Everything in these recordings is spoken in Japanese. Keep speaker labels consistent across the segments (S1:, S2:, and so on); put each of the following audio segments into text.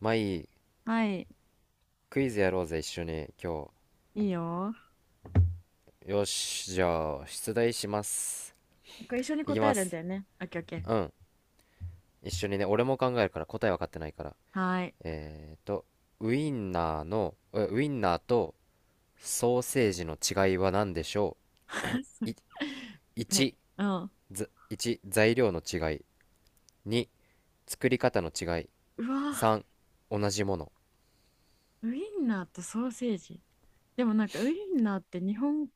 S1: まあいい。
S2: はい。
S1: クイズやろうぜ、一緒に、今
S2: いいよ。
S1: 日。よし、じゃあ、出題します。
S2: これ一緒に
S1: いき
S2: 答え
S1: ま
S2: るんだ
S1: す。
S2: よね。オッケーオッケー。
S1: うん。一緒にね、俺も考えるから、答え分かってないから。
S2: はーい。
S1: えーと、ウインナーとソーセージの違いは何でしょ
S2: そう。
S1: う？
S2: はい。
S1: 1、
S2: うん。
S1: 1、材料の違い。2、作り方の違い。
S2: うわ、
S1: 3、同じもの。
S2: ウインナーとソーセージ。でもなんかウインナーって日本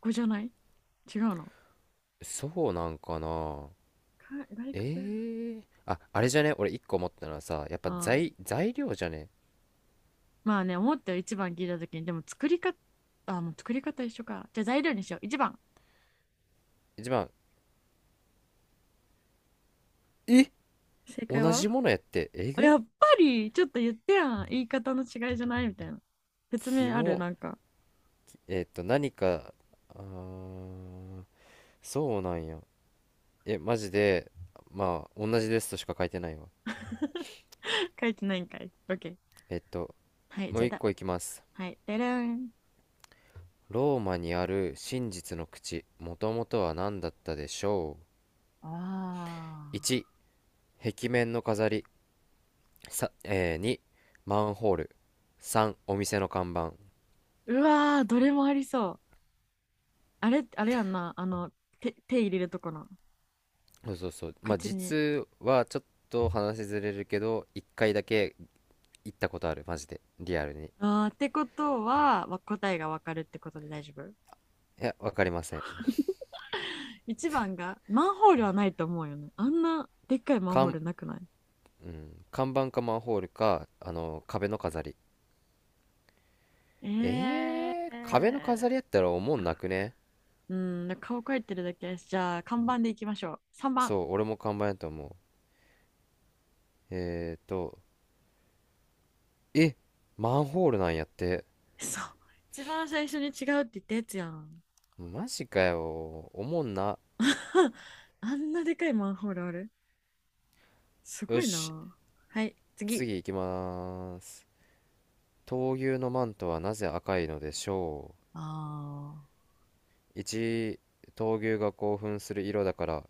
S2: 語じゃない？違うの
S1: そうなんかな。
S2: か外国？
S1: あ、あれじゃね？俺1個思ったのはさ、やっぱ
S2: ああ。
S1: 材料じゃね？
S2: まあね、思ったよ。一番聞いたときに。でも作り方、あ、もう作り方一緒か。じゃあ材料にしよう。一番。
S1: 一番、え
S2: 正解
S1: 同
S2: は？
S1: じものやってえ
S2: あ、や
S1: ぐ
S2: っぱり、ちょっと言ってやん。言い方の違いじゃないみたいな。説
S1: キ
S2: 明ある
S1: モ
S2: なんか。
S1: えっと何かあーそうなんやマジで。まあ同じですとしか書いてないわ。
S2: 書いてないんかい。オッケー。
S1: えっと
S2: はい、
S1: も
S2: じ
S1: う
S2: ゃあ
S1: 一
S2: だ。
S1: 個いきます。
S2: はい。でれん。
S1: ローマにある真実の口、もともとは何だったでしょ
S2: あ
S1: う？1、
S2: あ。
S1: 壁面の飾り。さ、えー2、マンホール。3、お店の看板。
S2: うわー、どれもありそう。あれ、あれやんな。手入れるとこの、
S1: そうそうそう。まあ
S2: 口に。
S1: 実はちょっと話ずれるけど、1回だけ行ったことある、マジでリアルに。
S2: あーってことは、答えがわかるってことで大丈夫。
S1: いや、わかりません。
S2: 一番が、マンホールはないと思うよね。あんなでっかいマンホー
S1: 看、
S2: ルなくない？
S1: うん、看板かマンホールか、あの、壁の飾り。
S2: え
S1: 壁の飾りやっ
S2: ー。
S1: たらおもんなくね？
S2: うん、顔描いてるだけやし。じゃあ、看板でいきましょう。3番。
S1: そう、俺も看板やと思う。えーと、え、マンホールなんやって。
S2: そう。一番最初に違うって言ったやつやん。
S1: マジかよ。おもんな。
S2: あんなでかいマンホールある？すご
S1: よ
S2: い
S1: し、
S2: な。はい、次。
S1: 次行きます。闘牛のマントはなぜ赤いのでしょ
S2: あ
S1: う？ 1、闘牛が興奮する色だから。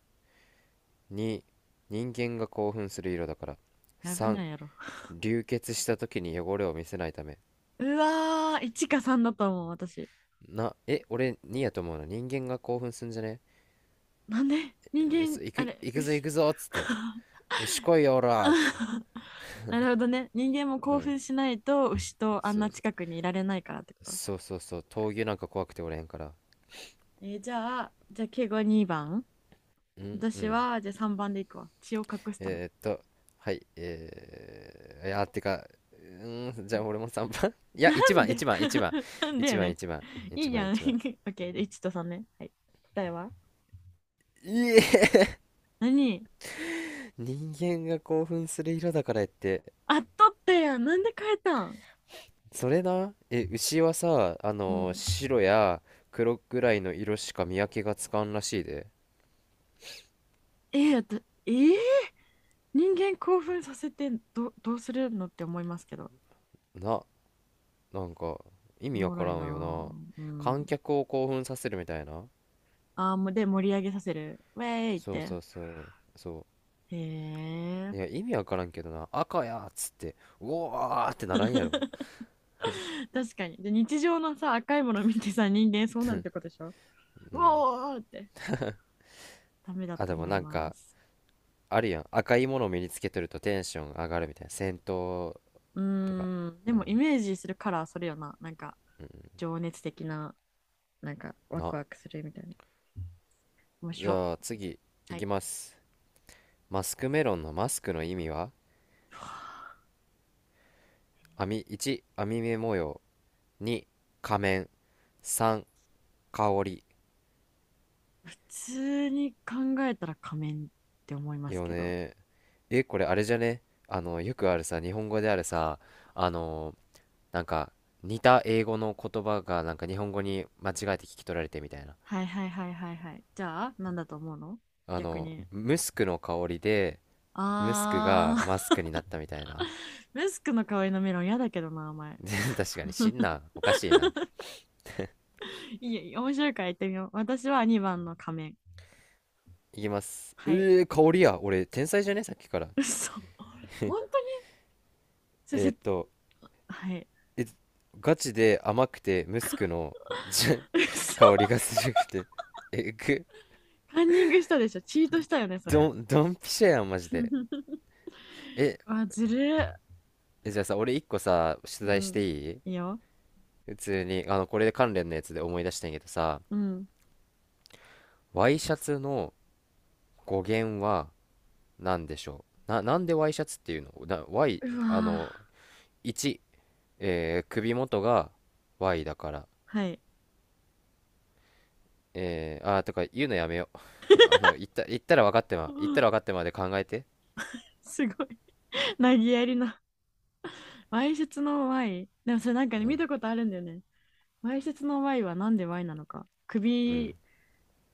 S1: 2、人間が興奮する色だから。
S2: あ、危
S1: 3、
S2: ないやろ。
S1: 流血した時に汚れを見せないため。
S2: うわー、いちかさんだと思う、私。
S1: 俺にやと思うの、人間が興奮すんじゃね？
S2: なんで人間、あれ、
S1: 行くぞ行
S2: 牛。
S1: くぞっつって、よし来いよおらーって。
S2: なるほどね。人間も
S1: う
S2: 興
S1: ん。
S2: 奮しないと牛とあん
S1: そ
S2: な
S1: うそ
S2: 近
S1: う
S2: くにいられないからってこと。
S1: そう。そうそう、闘牛なんか怖くておれへんから。
S2: じゃあ、敬語2番。
S1: うんう
S2: 私
S1: ん。
S2: は、じゃあ3番でいくわ。血を隠すため。
S1: えーっとはい。いやてか、うじゃあ俺も3番 いや
S2: な
S1: 1
S2: ん
S1: 番
S2: で
S1: 1番1番
S2: なんで
S1: 1
S2: や
S1: 番
S2: ね
S1: 1番
S2: いい
S1: 1
S2: い
S1: 番1番
S2: や
S1: い
S2: ん。オ
S1: ちばんいちばんいちばん。
S2: ッケー、1と3ね。はい。答えは
S1: いえ、
S2: 何？
S1: 人間が興奮する色だからって。
S2: あっとったやん。なんで変えたん？
S1: それな、え、牛はさ、あ
S2: う
S1: の、
S2: ん。
S1: 白や黒くらいの色しか見分けがつかんらしいで。
S2: ええだえー人間興奮させてどうするのって思いますけど。
S1: な、なんか、意
S2: お
S1: 味わ
S2: も
S1: か
S2: ろい
S1: ら
S2: な
S1: んよな。
S2: ぁ。う
S1: 観
S2: ん。
S1: 客を興奮させるみたいな。
S2: ああ、もうで盛り上げさせる。ウェーイっ
S1: そう
S2: て。
S1: そうそう、そ
S2: へえ。
S1: う。いや、意味わからんけどな、赤やっつって、うおーってならんやろ。
S2: 確かに。で、日常のさ、赤いもの見てさ、人間そうなるってことでしょう？
S1: うん。
S2: おーって。ダメだ
S1: あ、
S2: と
S1: でも
S2: 思い
S1: なん
S2: ま
S1: か、
S2: す。
S1: あるやん。赤いものを身につけてるとテンション上がるみたいな。戦闘
S2: うー
S1: とか。
S2: ん。で
S1: うん。
S2: も、イメージするカラー、それよな。なんか、
S1: うん。
S2: 情熱的な、なんか、ワク
S1: な、
S2: ワクするみたいな。面
S1: じ
S2: 白。
S1: ゃあ次、い
S2: はい。
S1: きます。マスクメロンのマスクの意味は？網編み目模様、2、仮面、3、香り。
S2: 普通に考えたら仮面って思いま
S1: いい
S2: す
S1: よ
S2: けど。
S1: ね。これあれじゃね？あのよくあるさ、日本語であるさ、あのなんか似た英語の言葉がなんか日本語に間違えて聞き取られてみたいな。
S2: はいはいはいはいはい。じゃあ、なんだと思うの？
S1: あ
S2: 逆
S1: の
S2: に。
S1: ムスクの香りで、ムスク
S2: あ
S1: が
S2: ー
S1: マスクになっ たみたいな。
S2: ムスクの香りのメロン嫌だけどな、お前。
S1: 確かに死んなおかしいな。
S2: いいよ、面白いから言ってみよう。私は2番の仮面。
S1: いきます。う
S2: はい。
S1: えー香りや。俺天才じゃね、さっきから。
S2: 嘘。本当に？そ
S1: えー
S2: せ、
S1: っと
S2: はい。
S1: え、ガチで甘くてムスクのじ
S2: 嘘。
S1: 香りがするくて。え、ぐ、
S2: カンニングしたでしょ。チートしたよね、それ。
S1: ドン、ドンピシャやん、マジで。え、
S2: あ、ずるっ。
S1: じゃあさ、俺一個さ、出
S2: う
S1: 題し
S2: ん。
S1: ていい？
S2: いいよ。
S1: 普通に、あの、これで関連のやつで思い出したんやけどさ、
S2: うん。
S1: ワイシャツの語源は何でしょう？な、なんでワイシャツっていうのな、Y、
S2: う
S1: あの、
S2: わ
S1: 1、首元が Y だから。
S2: ー。はい。
S1: とか言うのやめよう。あの、
S2: う
S1: 言った
S2: ん。
S1: ら分かってまで考えて。
S2: すごい。なぎやりの。わいせつの Y。でもそれなんかね、
S1: う
S2: 見
S1: ん、
S2: たことあるんだよね。わいせつの Y はなんで Y なのか。
S1: うん。
S2: 首、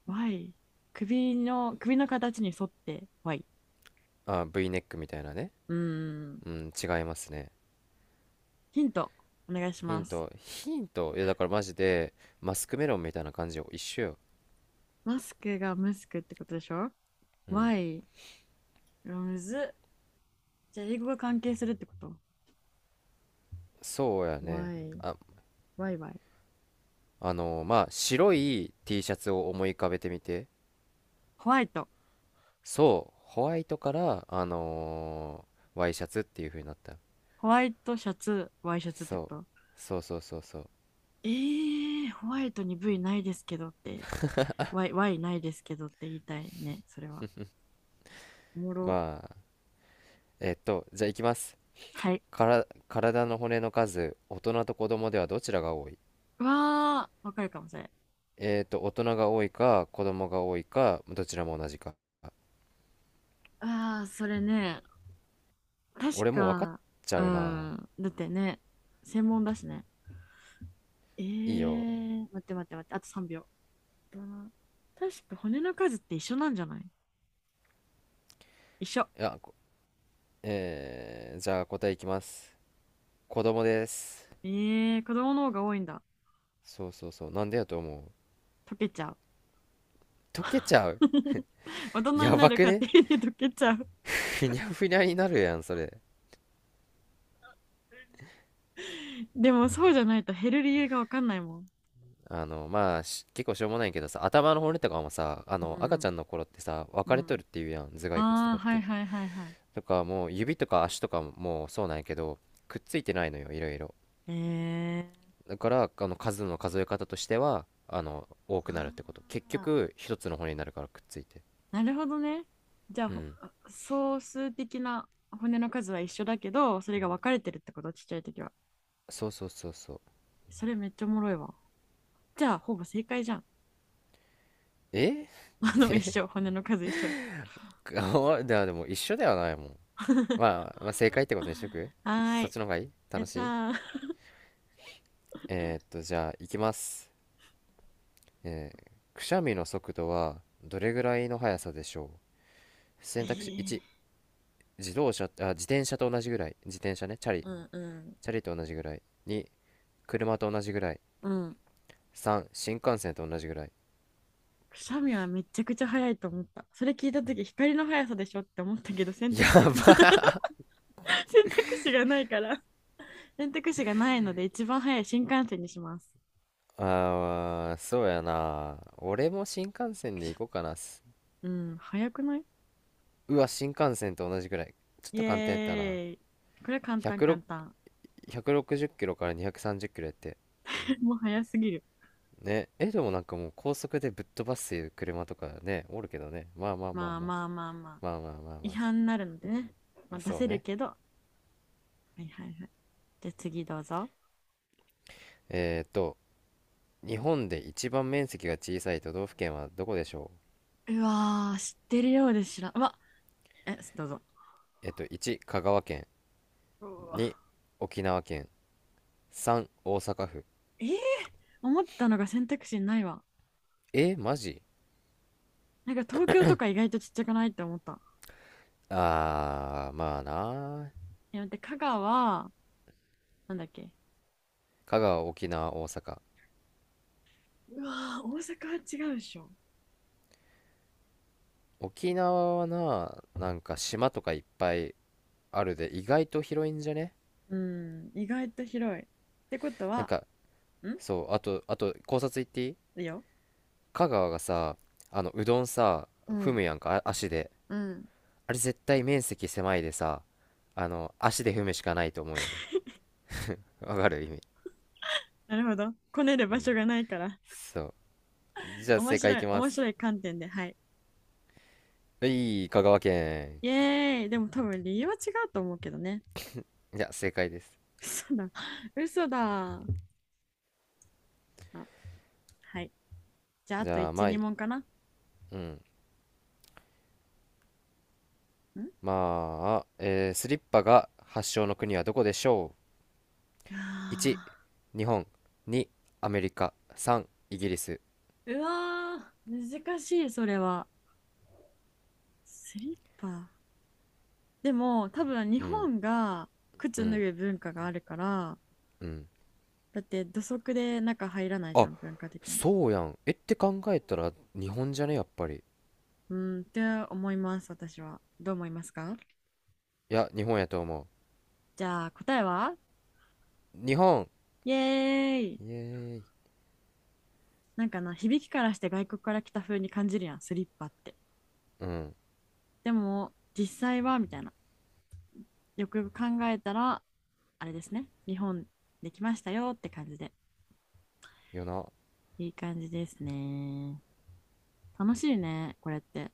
S2: Y。首の形に沿って Y。
S1: あ、V ネックみたいなね。
S2: うーん。
S1: うん、違いますね。
S2: ヒント、お願いし
S1: ヒ
S2: ま
S1: ン
S2: す。
S1: ト、ヒント、いやだからマジで、マスクメロンみたいな感じよ。一緒よ。
S2: マスクがムスクってことでしょ？
S1: うん。
S2: Y。うわむずっ。じゃあ、英語が関係するってこと？
S1: そうやね。
S2: Y。
S1: あ、
S2: Y、Y。
S1: あのーまあ、白い T シャツを思い浮かべてみて。
S2: ホワイト。
S1: そう、ホワイトから、あのーワイシャツっていう風になった。
S2: ホワイトシャツ、ワイシャツってこ
S1: そう、
S2: と？
S1: そうそうそうそう。
S2: ホワイトに V ないですけどって Y Y ないですけどって言いたいね、それは。おもろ。
S1: まあ、じゃあいきます。
S2: はい。
S1: から、体の骨の数、大人と子供ではどちらが多い？
S2: わーわかるかもしれん。
S1: 大人が多いか、子供が多いか、どちらも同じか。
S2: あー、それね。確
S1: 俺もう分かっ
S2: か、
S1: ちゃ
S2: う
S1: うな。
S2: ん。だってね、専門だしね。
S1: いいよ。
S2: 待って待って待って、あと3秒。どう？確か骨の数って一緒なんじゃない？一緒。
S1: いや、こえー、じゃあ答えいきます。子供です。
S2: えー、子供の方が多いんだ。
S1: そうそうそう。なんでやと思う？
S2: 溶けちゃう。
S1: 溶けちゃう。
S2: 大人に
S1: や
S2: な
S1: ば
S2: る
S1: く
S2: 過程
S1: ね？
S2: で溶けちゃう。
S1: ふにゃふにゃになるやん、それ。
S2: でもそうじゃないと減る理由がわかんないもん。
S1: あの、まあ、結構しょうもないけどさ、頭の骨とかもさ、あ
S2: う
S1: の、赤ちゃ
S2: ん。
S1: んの頃ってさ、分
S2: う
S1: かれとる
S2: ん。
S1: っていうやん、頭蓋骨と
S2: ああ、
S1: かっ
S2: はい
S1: て。
S2: はいはいはい。
S1: とか、もう指とか足とかももうそうなんやけど、くっついてないのよ、いろいろ。
S2: えー、
S1: だから、あの、数の数え方としては、あの、多くなる
S2: あ
S1: ってこと。結
S2: ー
S1: 局、一つの骨になるからくっついて。
S2: なるほどね。じゃあ、
S1: うん、
S2: 総数的な骨の数は一緒だけど、それが分かれてるってこと、ちっちゃい時は。
S1: そうそうそうそう。
S2: それめっちゃおもろいわ。じゃあ、ほぼ正解じゃん。
S1: え
S2: 一緒、骨の数一緒。
S1: あで でも一緒ではないもん。
S2: は
S1: まあ、まあ正解ってことにしとく。
S2: ー
S1: そっ
S2: い、
S1: ちの方がいい、
S2: や
S1: 楽
S2: っ
S1: し
S2: た
S1: い。
S2: ー。
S1: じゃあ行きます。くしゃみの速度はどれぐらいの速さでしょう？
S2: え
S1: 選択肢、
S2: ー
S1: 1、自転車と同じぐらい、自転車ね、チャリ、
S2: うんうん。
S1: チャリと同じぐらい。2、車と同じぐらい。
S2: うん。
S1: 3、新幹線と同じぐらい。
S2: くしゃみはめちゃくちゃ早いと思った。それ聞いた時光の速さでしょって思ったけど、選択肢
S1: や
S2: が
S1: ばい。
S2: 選択肢がないから選択肢がないので、一番早い新幹線にします。
S1: そうやな、俺も新幹線で行こうかな
S2: うん、早くない？
S1: うわ、新幹線と同じぐらい。ちょっ
S2: イエ
S1: と簡単やったな。
S2: ーイ。これ簡単簡
S1: 106
S2: 単。
S1: 160キロから230キロやって。
S2: もう早すぎる。
S1: ねえ、でもなんかもう高速でぶっ飛ばす車とかねおるけどね、まあまあまあ
S2: まあ
S1: ま
S2: まあまあまあ。
S1: あ、まあまあまあ
S2: 違
S1: まあ。
S2: 反になるのでね。まあ、出
S1: そ
S2: せ
S1: う
S2: る
S1: ね。
S2: けど。はいはいはい。じゃあ次どうぞ。
S1: えっと日本で一番面積が小さい都道府県はどこでしょう？
S2: うわー、知ってるようで知らん。うわ。どうぞ。
S1: 1、香川県。
S2: うわ、
S1: 2、沖縄県。3、大阪府。
S2: えー思ったのが選択肢ないわ。
S1: マジ？
S2: なんか東京とか意外とちっちゃくないって思った。
S1: まあな。
S2: いや、待って、香川、なんだっけ。
S1: 香川、沖縄、大阪。
S2: うわー、大阪は違うでしょ。
S1: 沖縄はな、なんか島とかいっぱいあるで、意外と広いんじゃね？
S2: うん、意外と広い。ってこと
S1: なん
S2: は、
S1: か、
S2: ん。
S1: そう、あと、考察行っていい？
S2: いいよ。
S1: 香川がさ、あの、うどんさ、
S2: う
S1: 踏
S2: ん、
S1: むやんか、足で。
S2: うん。
S1: あれ絶対面積狭いでさ、あの、足で踏むしかないと思うよね。わかる、意味。
S2: なるほど。こねる
S1: う
S2: 場
S1: ん。
S2: 所がないから。
S1: そう。じ ゃあ
S2: 面
S1: 正解い
S2: 白い、
S1: きま
S2: 面白
S1: す。
S2: い観点で、はい。
S1: はい、香川県。
S2: イエーイ。でも多分理由は違うと思うけどね。
S1: いや、正解です。
S2: 嘘だ。嘘だ。あ、はい。じゃあ、あ
S1: じ
S2: と
S1: ゃあ、ま
S2: 1、
S1: あ、
S2: 2問かな。ん、
S1: うん。まあ、スリッパが発祥の国はどこでしょう？1、
S2: あ
S1: 日本。2、アメリカ。3、イギリス。
S2: うわー、難しい、それは。スリッパ。でも、多分日
S1: うん
S2: 本が
S1: う
S2: 靴脱
S1: ん
S2: ぐ文化があるから、
S1: うん。
S2: だって土足で中入らないじ
S1: あ
S2: ゃん、文化的に。
S1: そうやん、って考えたら日本じゃねやっぱり。
S2: うーん、って思います、私は。どう思いますか？
S1: いや、日本やと思
S2: じゃあ、答えは？
S1: う。日本。
S2: イエーイ。
S1: イエーイ。
S2: なんかな、響きからして外国から来た風に感じるやん、スリッパって。
S1: うん、
S2: でも、実際はみたいな。よくよく考えたら、あれですね。日本できましたよって感じで。
S1: よな
S2: いい感じですね。楽しいね、これって。